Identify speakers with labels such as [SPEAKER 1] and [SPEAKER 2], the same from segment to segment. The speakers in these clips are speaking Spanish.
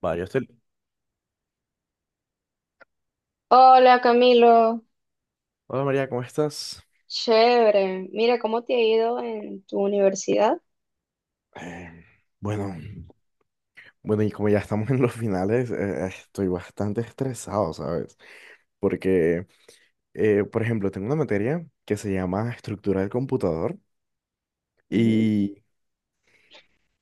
[SPEAKER 1] Vale,
[SPEAKER 2] Hola Camilo,
[SPEAKER 1] Hola María, ¿cómo estás?
[SPEAKER 2] chévere. Mira, ¿cómo te ha ido en tu universidad?
[SPEAKER 1] Eh, bueno, bueno, y como ya estamos en los finales, estoy bastante estresado, ¿sabes? Porque, por ejemplo, tengo una materia que se llama estructura del computador
[SPEAKER 2] Ujú.
[SPEAKER 1] y,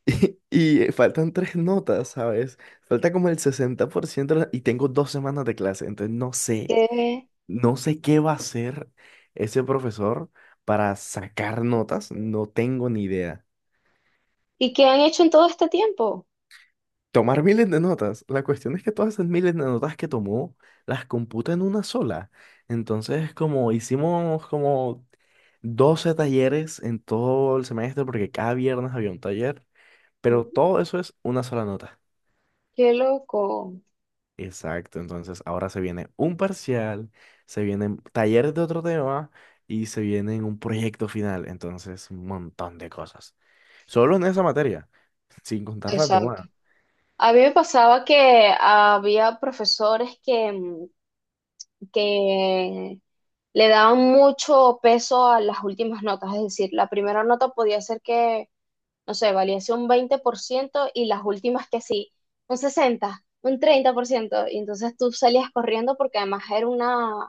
[SPEAKER 1] y, faltan tres notas, ¿sabes? Falta como el 60% y tengo 2 semanas de clase, entonces no sé,
[SPEAKER 2] ¿Qué-
[SPEAKER 1] no sé qué va a hacer ese profesor para sacar notas, no tengo ni idea.
[SPEAKER 2] ¿Y qué han hecho en todo este tiempo?
[SPEAKER 1] Tomar miles de notas. La cuestión es que todas esas miles de notas que tomó las computa en una sola. Entonces, como hicimos como 12 talleres en todo el semestre, porque cada viernes había un taller, pero
[SPEAKER 2] Ujú.
[SPEAKER 1] todo eso es una sola nota.
[SPEAKER 2] Qué loco.
[SPEAKER 1] Exacto, entonces ahora se viene un parcial, se vienen talleres de otro tema y se viene un proyecto final. Entonces, un montón de cosas. Solo en esa materia, sin contar las
[SPEAKER 2] Exacto.
[SPEAKER 1] demás.
[SPEAKER 2] A mí me pasaba que había profesores que le daban mucho peso a las últimas notas, es decir, la primera nota podía ser que, no sé, valiese un 20% y las últimas que sí, un 60, 30% y entonces tú salías corriendo porque además era una,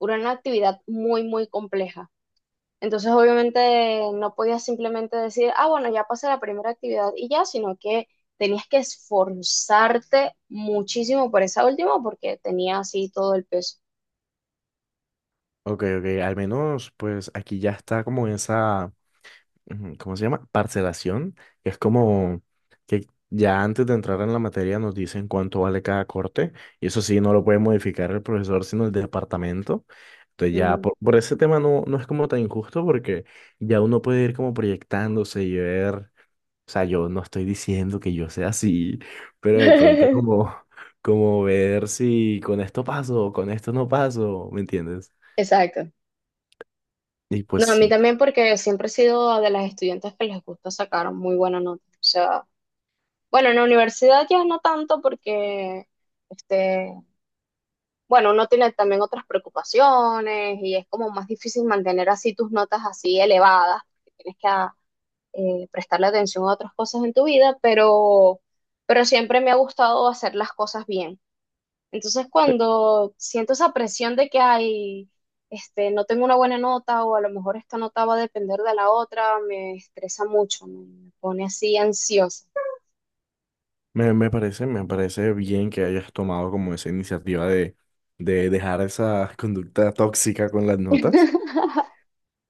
[SPEAKER 2] era una actividad muy, muy compleja. Entonces, obviamente, no podías simplemente decir, ah, bueno, ya pasé la primera actividad y ya, sino que tenías que esforzarte muchísimo por esa última porque tenía así todo el peso.
[SPEAKER 1] Ok, ok, al menos pues aquí ya está como esa, ujú, ¿cómo se llama? Parcelación, que es como que ya antes de entrar en la materia nos dicen cuánto vale cada corte, y eso sí, no lo puede modificar el profesor, sino el departamento. Entonces ya por ese tema no, no es como tan injusto porque ya uno puede ir como proyectándose y ver, o sea, yo no estoy diciendo que yo sea así, pero de pronto como ver si con esto paso, con esto no paso, ¿me entiendes?
[SPEAKER 2] Exacto.
[SPEAKER 1] Y pues
[SPEAKER 2] No, a mí
[SPEAKER 1] sí.
[SPEAKER 2] también porque siempre he sido de las estudiantes que les gusta sacar muy buena nota. O sea, bueno, en la universidad ya no tanto porque, este, bueno, uno tiene también otras preocupaciones y es como más difícil mantener así tus notas así elevadas, porque tienes que prestarle atención a otras cosas en tu vida, pero siempre me ha gustado hacer las cosas bien. Entonces, cuando siento esa presión de que hay, este, no tengo una buena nota o a lo mejor esta nota va a depender de la otra, me estresa mucho, me pone así ansiosa.
[SPEAKER 1] Me parece bien que hayas tomado como esa iniciativa de dejar esa conducta tóxica con las notas.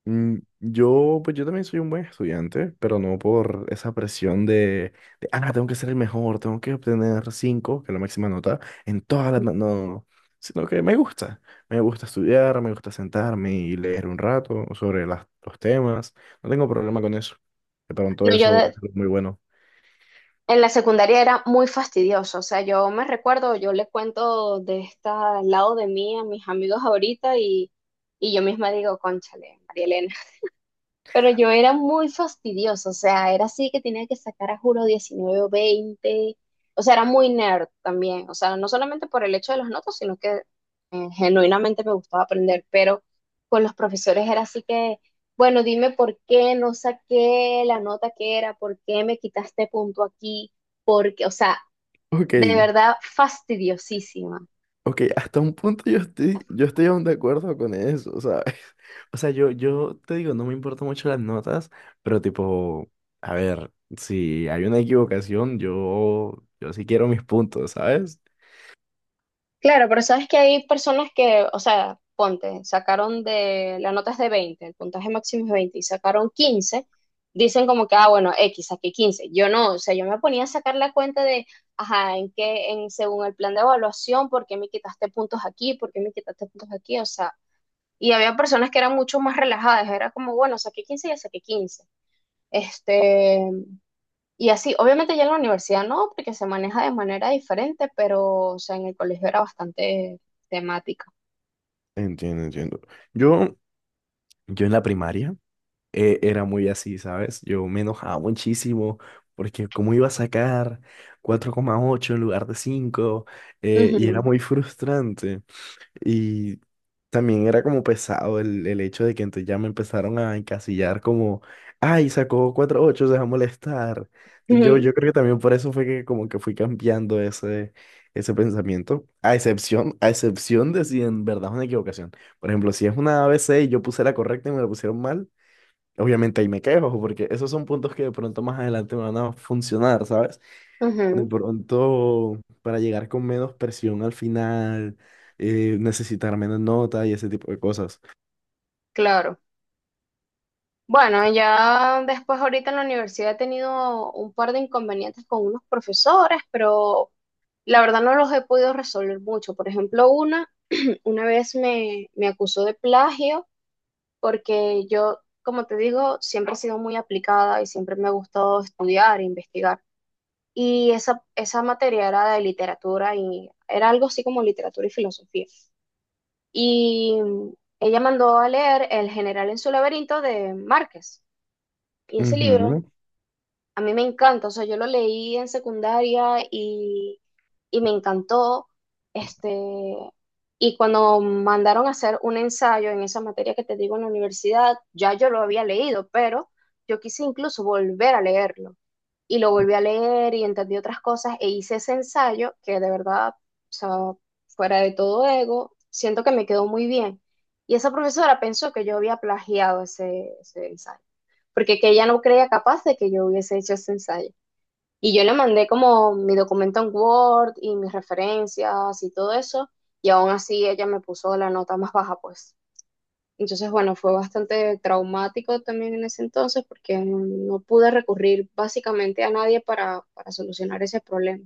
[SPEAKER 1] Pues yo también soy un buen estudiante, pero no por esa presión tengo que ser el mejor, tengo que obtener 5 que es la máxima nota, No, no", sino que me gusta. Me gusta estudiar, me gusta sentarme y leer un rato sobre las, los temas. No tengo problema con eso. De pronto
[SPEAKER 2] No,
[SPEAKER 1] eso es muy bueno.
[SPEAKER 2] en la secundaria era muy fastidioso, o sea, yo me recuerdo, yo le cuento de este lado de mí a mis amigos ahorita y yo misma digo, cónchale, María. Pero yo era muy fastidiosa, o sea, era así que tenía que sacar a juro 19 o 20, o sea, era muy nerd también, o sea, no solamente por el hecho de las notas, sino que genuinamente me gustaba aprender, pero con los profesores era así que, bueno, dime por qué no saqué la nota que era, por qué me quitaste punto aquí, porque, o sea,
[SPEAKER 1] Ok.
[SPEAKER 2] de verdad fastidiosísima.
[SPEAKER 1] Ok, hasta un punto yo estoy aún de acuerdo con eso, ¿sabes? O sea, yo te digo, no me importan mucho las notas, pero tipo, a ver, si hay una equivocación, yo sí quiero mis puntos, ¿sabes?
[SPEAKER 2] Claro, pero sabes que hay personas que, o sea, ponte, sacaron de, la nota es de 20, el puntaje máximo es 20 y sacaron 15, dicen como que, ah, bueno, X, saqué 15. Yo no, o sea, yo me ponía a sacar la cuenta de, ajá, en qué, en, según el plan de evaluación, por qué me quitaste puntos aquí, por qué me quitaste puntos aquí, o sea, y había personas que eran mucho más relajadas, era como, bueno, saqué 15 y ya saqué 15. Este, y así, obviamente ya en la universidad no, porque se maneja de manera diferente, pero o sea, en el colegio era bastante temática.
[SPEAKER 1] Entiendo, entiendo. Yo, yo en la primaria era muy así, ¿sabes? Yo me enojaba muchísimo porque cómo iba a sacar 4,8 en lugar de 5, y era
[SPEAKER 2] Ujú,
[SPEAKER 1] muy frustrante. Y también era como pesado el hecho de que entonces ya me empezaron a encasillar como, ay, sacó 4,8, se va a molestar. Yo,
[SPEAKER 2] ujú,
[SPEAKER 1] yo creo que también por eso fue que como que fui cambiando ese pensamiento, a excepción de si en verdad es una equivocación. Por ejemplo, si es una ABC y yo puse la correcta y me la pusieron mal, obviamente ahí me quejo, porque esos son puntos que de pronto más adelante me van a funcionar, ¿sabes? De
[SPEAKER 2] ujú,
[SPEAKER 1] pronto, para llegar con menos presión al final, necesitar menos nota y ese tipo de cosas.
[SPEAKER 2] claro. Bueno, ya después ahorita en la universidad he tenido un par de inconvenientes con unos profesores, pero la verdad no los he podido resolver mucho. Por ejemplo, una vez me acusó de plagio porque yo, como te digo, siempre he sido muy aplicada y siempre me ha gustado estudiar e investigar. Y esa materia era de literatura y era algo así como literatura y filosofía. Y ella mandó a leer El general en su laberinto de Márquez. Y ese libro
[SPEAKER 1] Ujú.
[SPEAKER 2] a mí me encanta, o sea, yo lo leí en secundaria y me encantó. Este, y cuando mandaron a hacer un ensayo en esa materia que te digo en la universidad, ya yo lo había leído, pero yo quise incluso volver a leerlo. Y lo volví a leer y entendí otras cosas e hice ese ensayo que de verdad, o sea, fuera de todo ego, siento que me quedó muy bien. Y esa profesora pensó que yo había plagiado ese ensayo porque que ella no creía capaz de que yo hubiese hecho ese ensayo. Y yo le mandé como mi documento en Word y mis referencias y todo eso, y aún así ella me puso la nota más baja, pues. Entonces, bueno, fue bastante traumático también en ese entonces porque no, no pude recurrir básicamente a nadie para, para solucionar ese problema.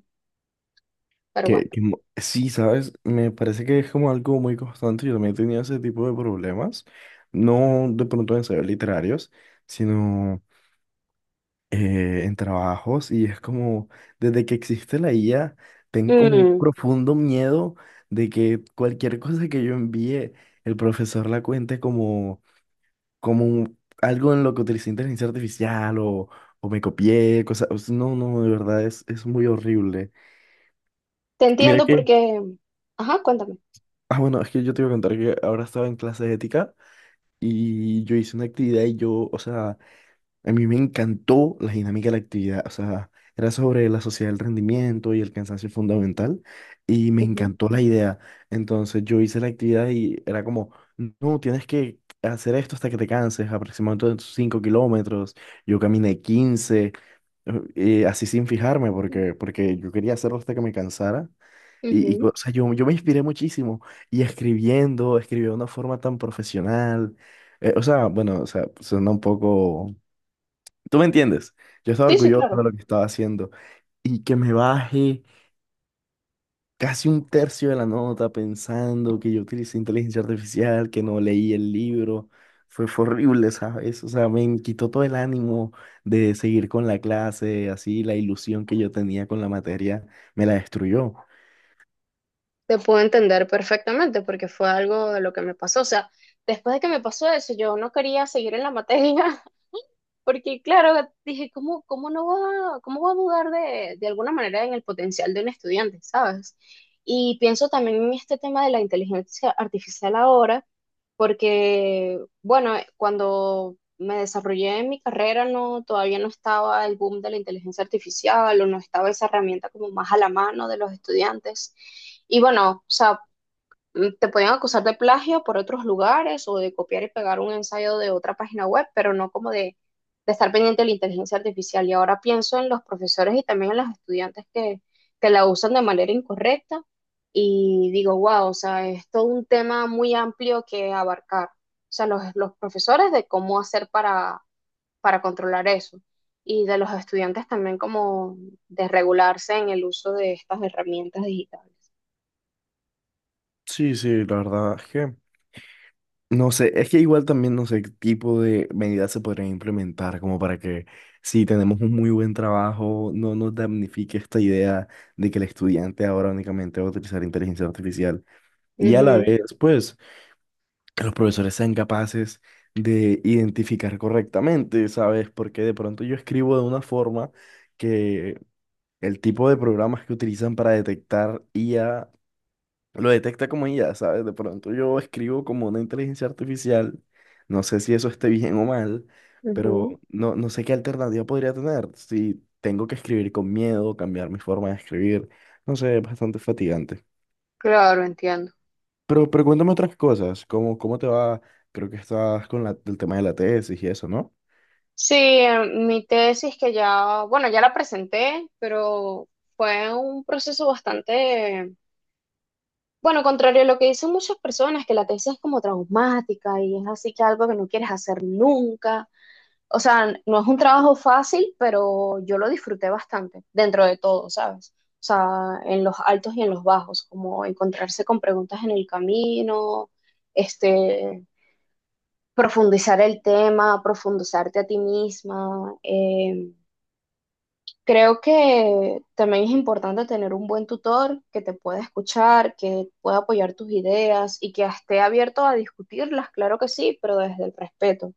[SPEAKER 2] Pero
[SPEAKER 1] Que,
[SPEAKER 2] bueno,
[SPEAKER 1] que mo- sí, ¿sabes? Me parece que es como algo muy constante. Yo también tenía ese tipo de problemas. No de pronto en ensayos literarios, sino en trabajos. Y es como, desde que existe la IA, tengo como un
[SPEAKER 2] Mm,
[SPEAKER 1] profundo miedo de que cualquier cosa que yo envíe, el profesor la cuente como algo en lo que utilicé inteligencia artificial o me copié, cosas. O sea, no, no, de verdad es, muy horrible.
[SPEAKER 2] te
[SPEAKER 1] Mira
[SPEAKER 2] entiendo
[SPEAKER 1] que,
[SPEAKER 2] porque... Ajá, cuéntame.
[SPEAKER 1] bueno, es que yo te iba a contar que ahora estaba en clase de ética y yo hice una actividad o sea, a mí me encantó la dinámica de la actividad, o sea, era sobre la sociedad del rendimiento y el cansancio fundamental y me
[SPEAKER 2] Ujú,
[SPEAKER 1] encantó la idea. Entonces yo hice la actividad y era como, no, tienes que hacer esto hasta que te canses, aproximadamente 5 kilómetros, yo caminé 15 así sin fijarme porque yo quería hacerlo hasta que me cansara. O
[SPEAKER 2] ujú.
[SPEAKER 1] sea, yo me inspiré muchísimo y escribí de una forma tan profesional. O sea, bueno, o sea, suena un poco. ¿Tú me entiendes? Yo estaba
[SPEAKER 2] Sí, sí,
[SPEAKER 1] orgulloso de
[SPEAKER 2] claro.
[SPEAKER 1] lo que estaba haciendo y que me baje casi un tercio de la nota pensando que yo utilicé inteligencia artificial, que no leí el libro. Fue horrible, ¿sabes? O sea, me quitó todo el ánimo de seguir con la clase, así la ilusión que yo tenía con la materia me la destruyó.
[SPEAKER 2] Te puedo entender perfectamente porque fue algo de lo que me pasó. O sea, después de que me pasó eso, yo no quería seguir en la materia porque, claro, dije, ¿cómo, cómo no va, cómo va a dudar de alguna manera en el potencial de un estudiante, ¿sabes? Y pienso también en este tema de la inteligencia artificial ahora porque, bueno, cuando me desarrollé en mi carrera, no, todavía no estaba el boom de la inteligencia artificial o no estaba esa herramienta como más a la mano de los estudiantes. Y bueno, o sea, te podían acusar de plagio por otros lugares o de copiar y pegar un ensayo de otra página web, pero no como de, estar pendiente de la inteligencia artificial. Y ahora pienso en los profesores y también en los estudiantes que la usan de manera incorrecta y digo, wow, o sea, es todo un tema muy amplio que abarcar. O sea, los profesores de cómo hacer para controlar eso y de los estudiantes también como de regularse en el uso de estas herramientas digitales.
[SPEAKER 1] Sí, sí, la verdad. No sé, es que igual también no sé qué tipo de medidas se podrían implementar como para que si tenemos un muy buen trabajo, no nos damnifique esta idea de que el estudiante ahora únicamente va a utilizar inteligencia artificial y a la
[SPEAKER 2] Ujú,
[SPEAKER 1] vez, pues, que los profesores sean capaces de identificar correctamente, ¿sabes? Porque de pronto yo escribo de una forma que el tipo de programas que utilizan para detectar IA lo detecta como ya, ¿sabes? De pronto yo escribo como una inteligencia artificial, no sé si eso esté bien o mal, pero
[SPEAKER 2] ujú.
[SPEAKER 1] no, no sé qué alternativa podría tener, si tengo que escribir con miedo, cambiar mi forma de escribir, no sé, es bastante fatigante.
[SPEAKER 2] Claro, entiendo.
[SPEAKER 1] Pero cuéntame otras cosas, ¿cómo te va? Creo que estás con el tema de la tesis y eso, ¿no?
[SPEAKER 2] Sí, mi tesis que ya, bueno, ya la presenté, pero fue un proceso bastante, bueno, contrario a lo que dicen muchas personas, que la tesis es como traumática y es así que algo que no quieres hacer nunca. O sea, no es un trabajo fácil, pero yo lo disfruté bastante, dentro de todo, ¿sabes? O sea, en los altos y en los bajos, como encontrarse con preguntas en el camino, este, profundizar el tema, profundizarte a ti misma. Creo que también es importante tener un buen tutor que te pueda escuchar, que pueda apoyar tus ideas y que esté abierto a discutirlas, claro que sí, pero desde el respeto.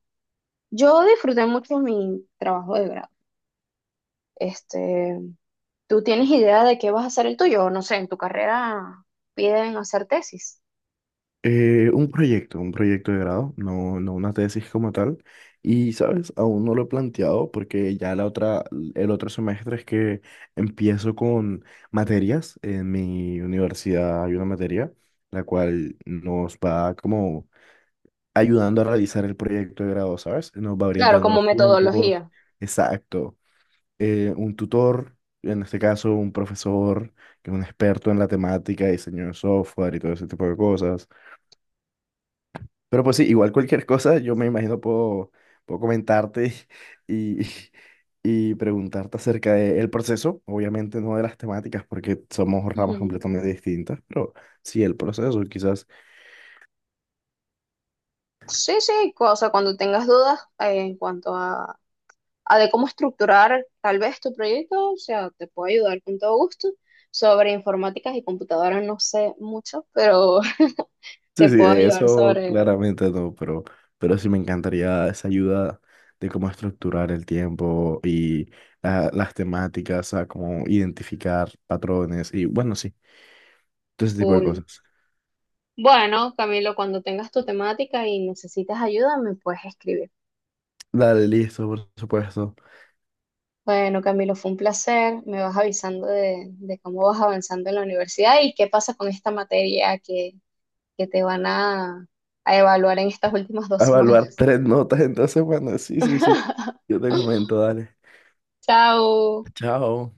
[SPEAKER 2] Yo disfruté mucho mi trabajo de grado. Este, ¿tú tienes idea de qué vas a hacer el tuyo? No sé, en tu carrera piden hacer tesis.
[SPEAKER 1] Un proyecto de grado, no, no una tesis como tal. Y, ¿sabes? Aún no lo he planteado porque ya la otra, el otro semestre es que empiezo con materias. En mi universidad hay una materia la cual nos va como ayudando a realizar el proyecto de grado, ¿sabes? Nos va
[SPEAKER 2] Claro,
[SPEAKER 1] brindando
[SPEAKER 2] como
[SPEAKER 1] los tiempos,
[SPEAKER 2] metodología.
[SPEAKER 1] exacto. Un tutor, en este caso un profesor que es un experto en la temática, diseño de software y todo ese tipo de cosas, pero pues sí, igual cualquier cosa, yo me imagino puedo comentarte y, y, preguntarte acerca del proceso, obviamente no de las temáticas porque somos ramas
[SPEAKER 2] Ujú.
[SPEAKER 1] completamente distintas, pero sí el proceso, quizás.
[SPEAKER 2] Sí, sí, o sea, cuando tengas dudas en cuanto a de cómo estructurar tal vez tu proyecto, o sea, te puedo ayudar con todo gusto. Sobre informáticas y computadoras no sé mucho, pero
[SPEAKER 1] Sí,
[SPEAKER 2] te
[SPEAKER 1] sí,
[SPEAKER 2] puedo
[SPEAKER 1] de
[SPEAKER 2] ayudar
[SPEAKER 1] eso
[SPEAKER 2] sobre
[SPEAKER 1] claramente no, pero sí me encantaría esa ayuda de cómo estructurar el tiempo y las temáticas, a cómo identificar patrones y bueno, sí, todo ese tipo de
[SPEAKER 2] full.
[SPEAKER 1] cosas.
[SPEAKER 2] Bueno, Camilo, cuando tengas tu temática y necesites ayuda, me puedes escribir.
[SPEAKER 1] Dale, listo, por supuesto.
[SPEAKER 2] Bueno, Camilo, fue un placer. Me vas avisando de cómo vas avanzando en la universidad y qué pasa con esta materia que te van a evaluar en estas últimas
[SPEAKER 1] A
[SPEAKER 2] dos
[SPEAKER 1] evaluar
[SPEAKER 2] semanas.
[SPEAKER 1] tres notas entonces, bueno, sí, sí, sí. Yo te comento, dale.
[SPEAKER 2] Chao.
[SPEAKER 1] Chao.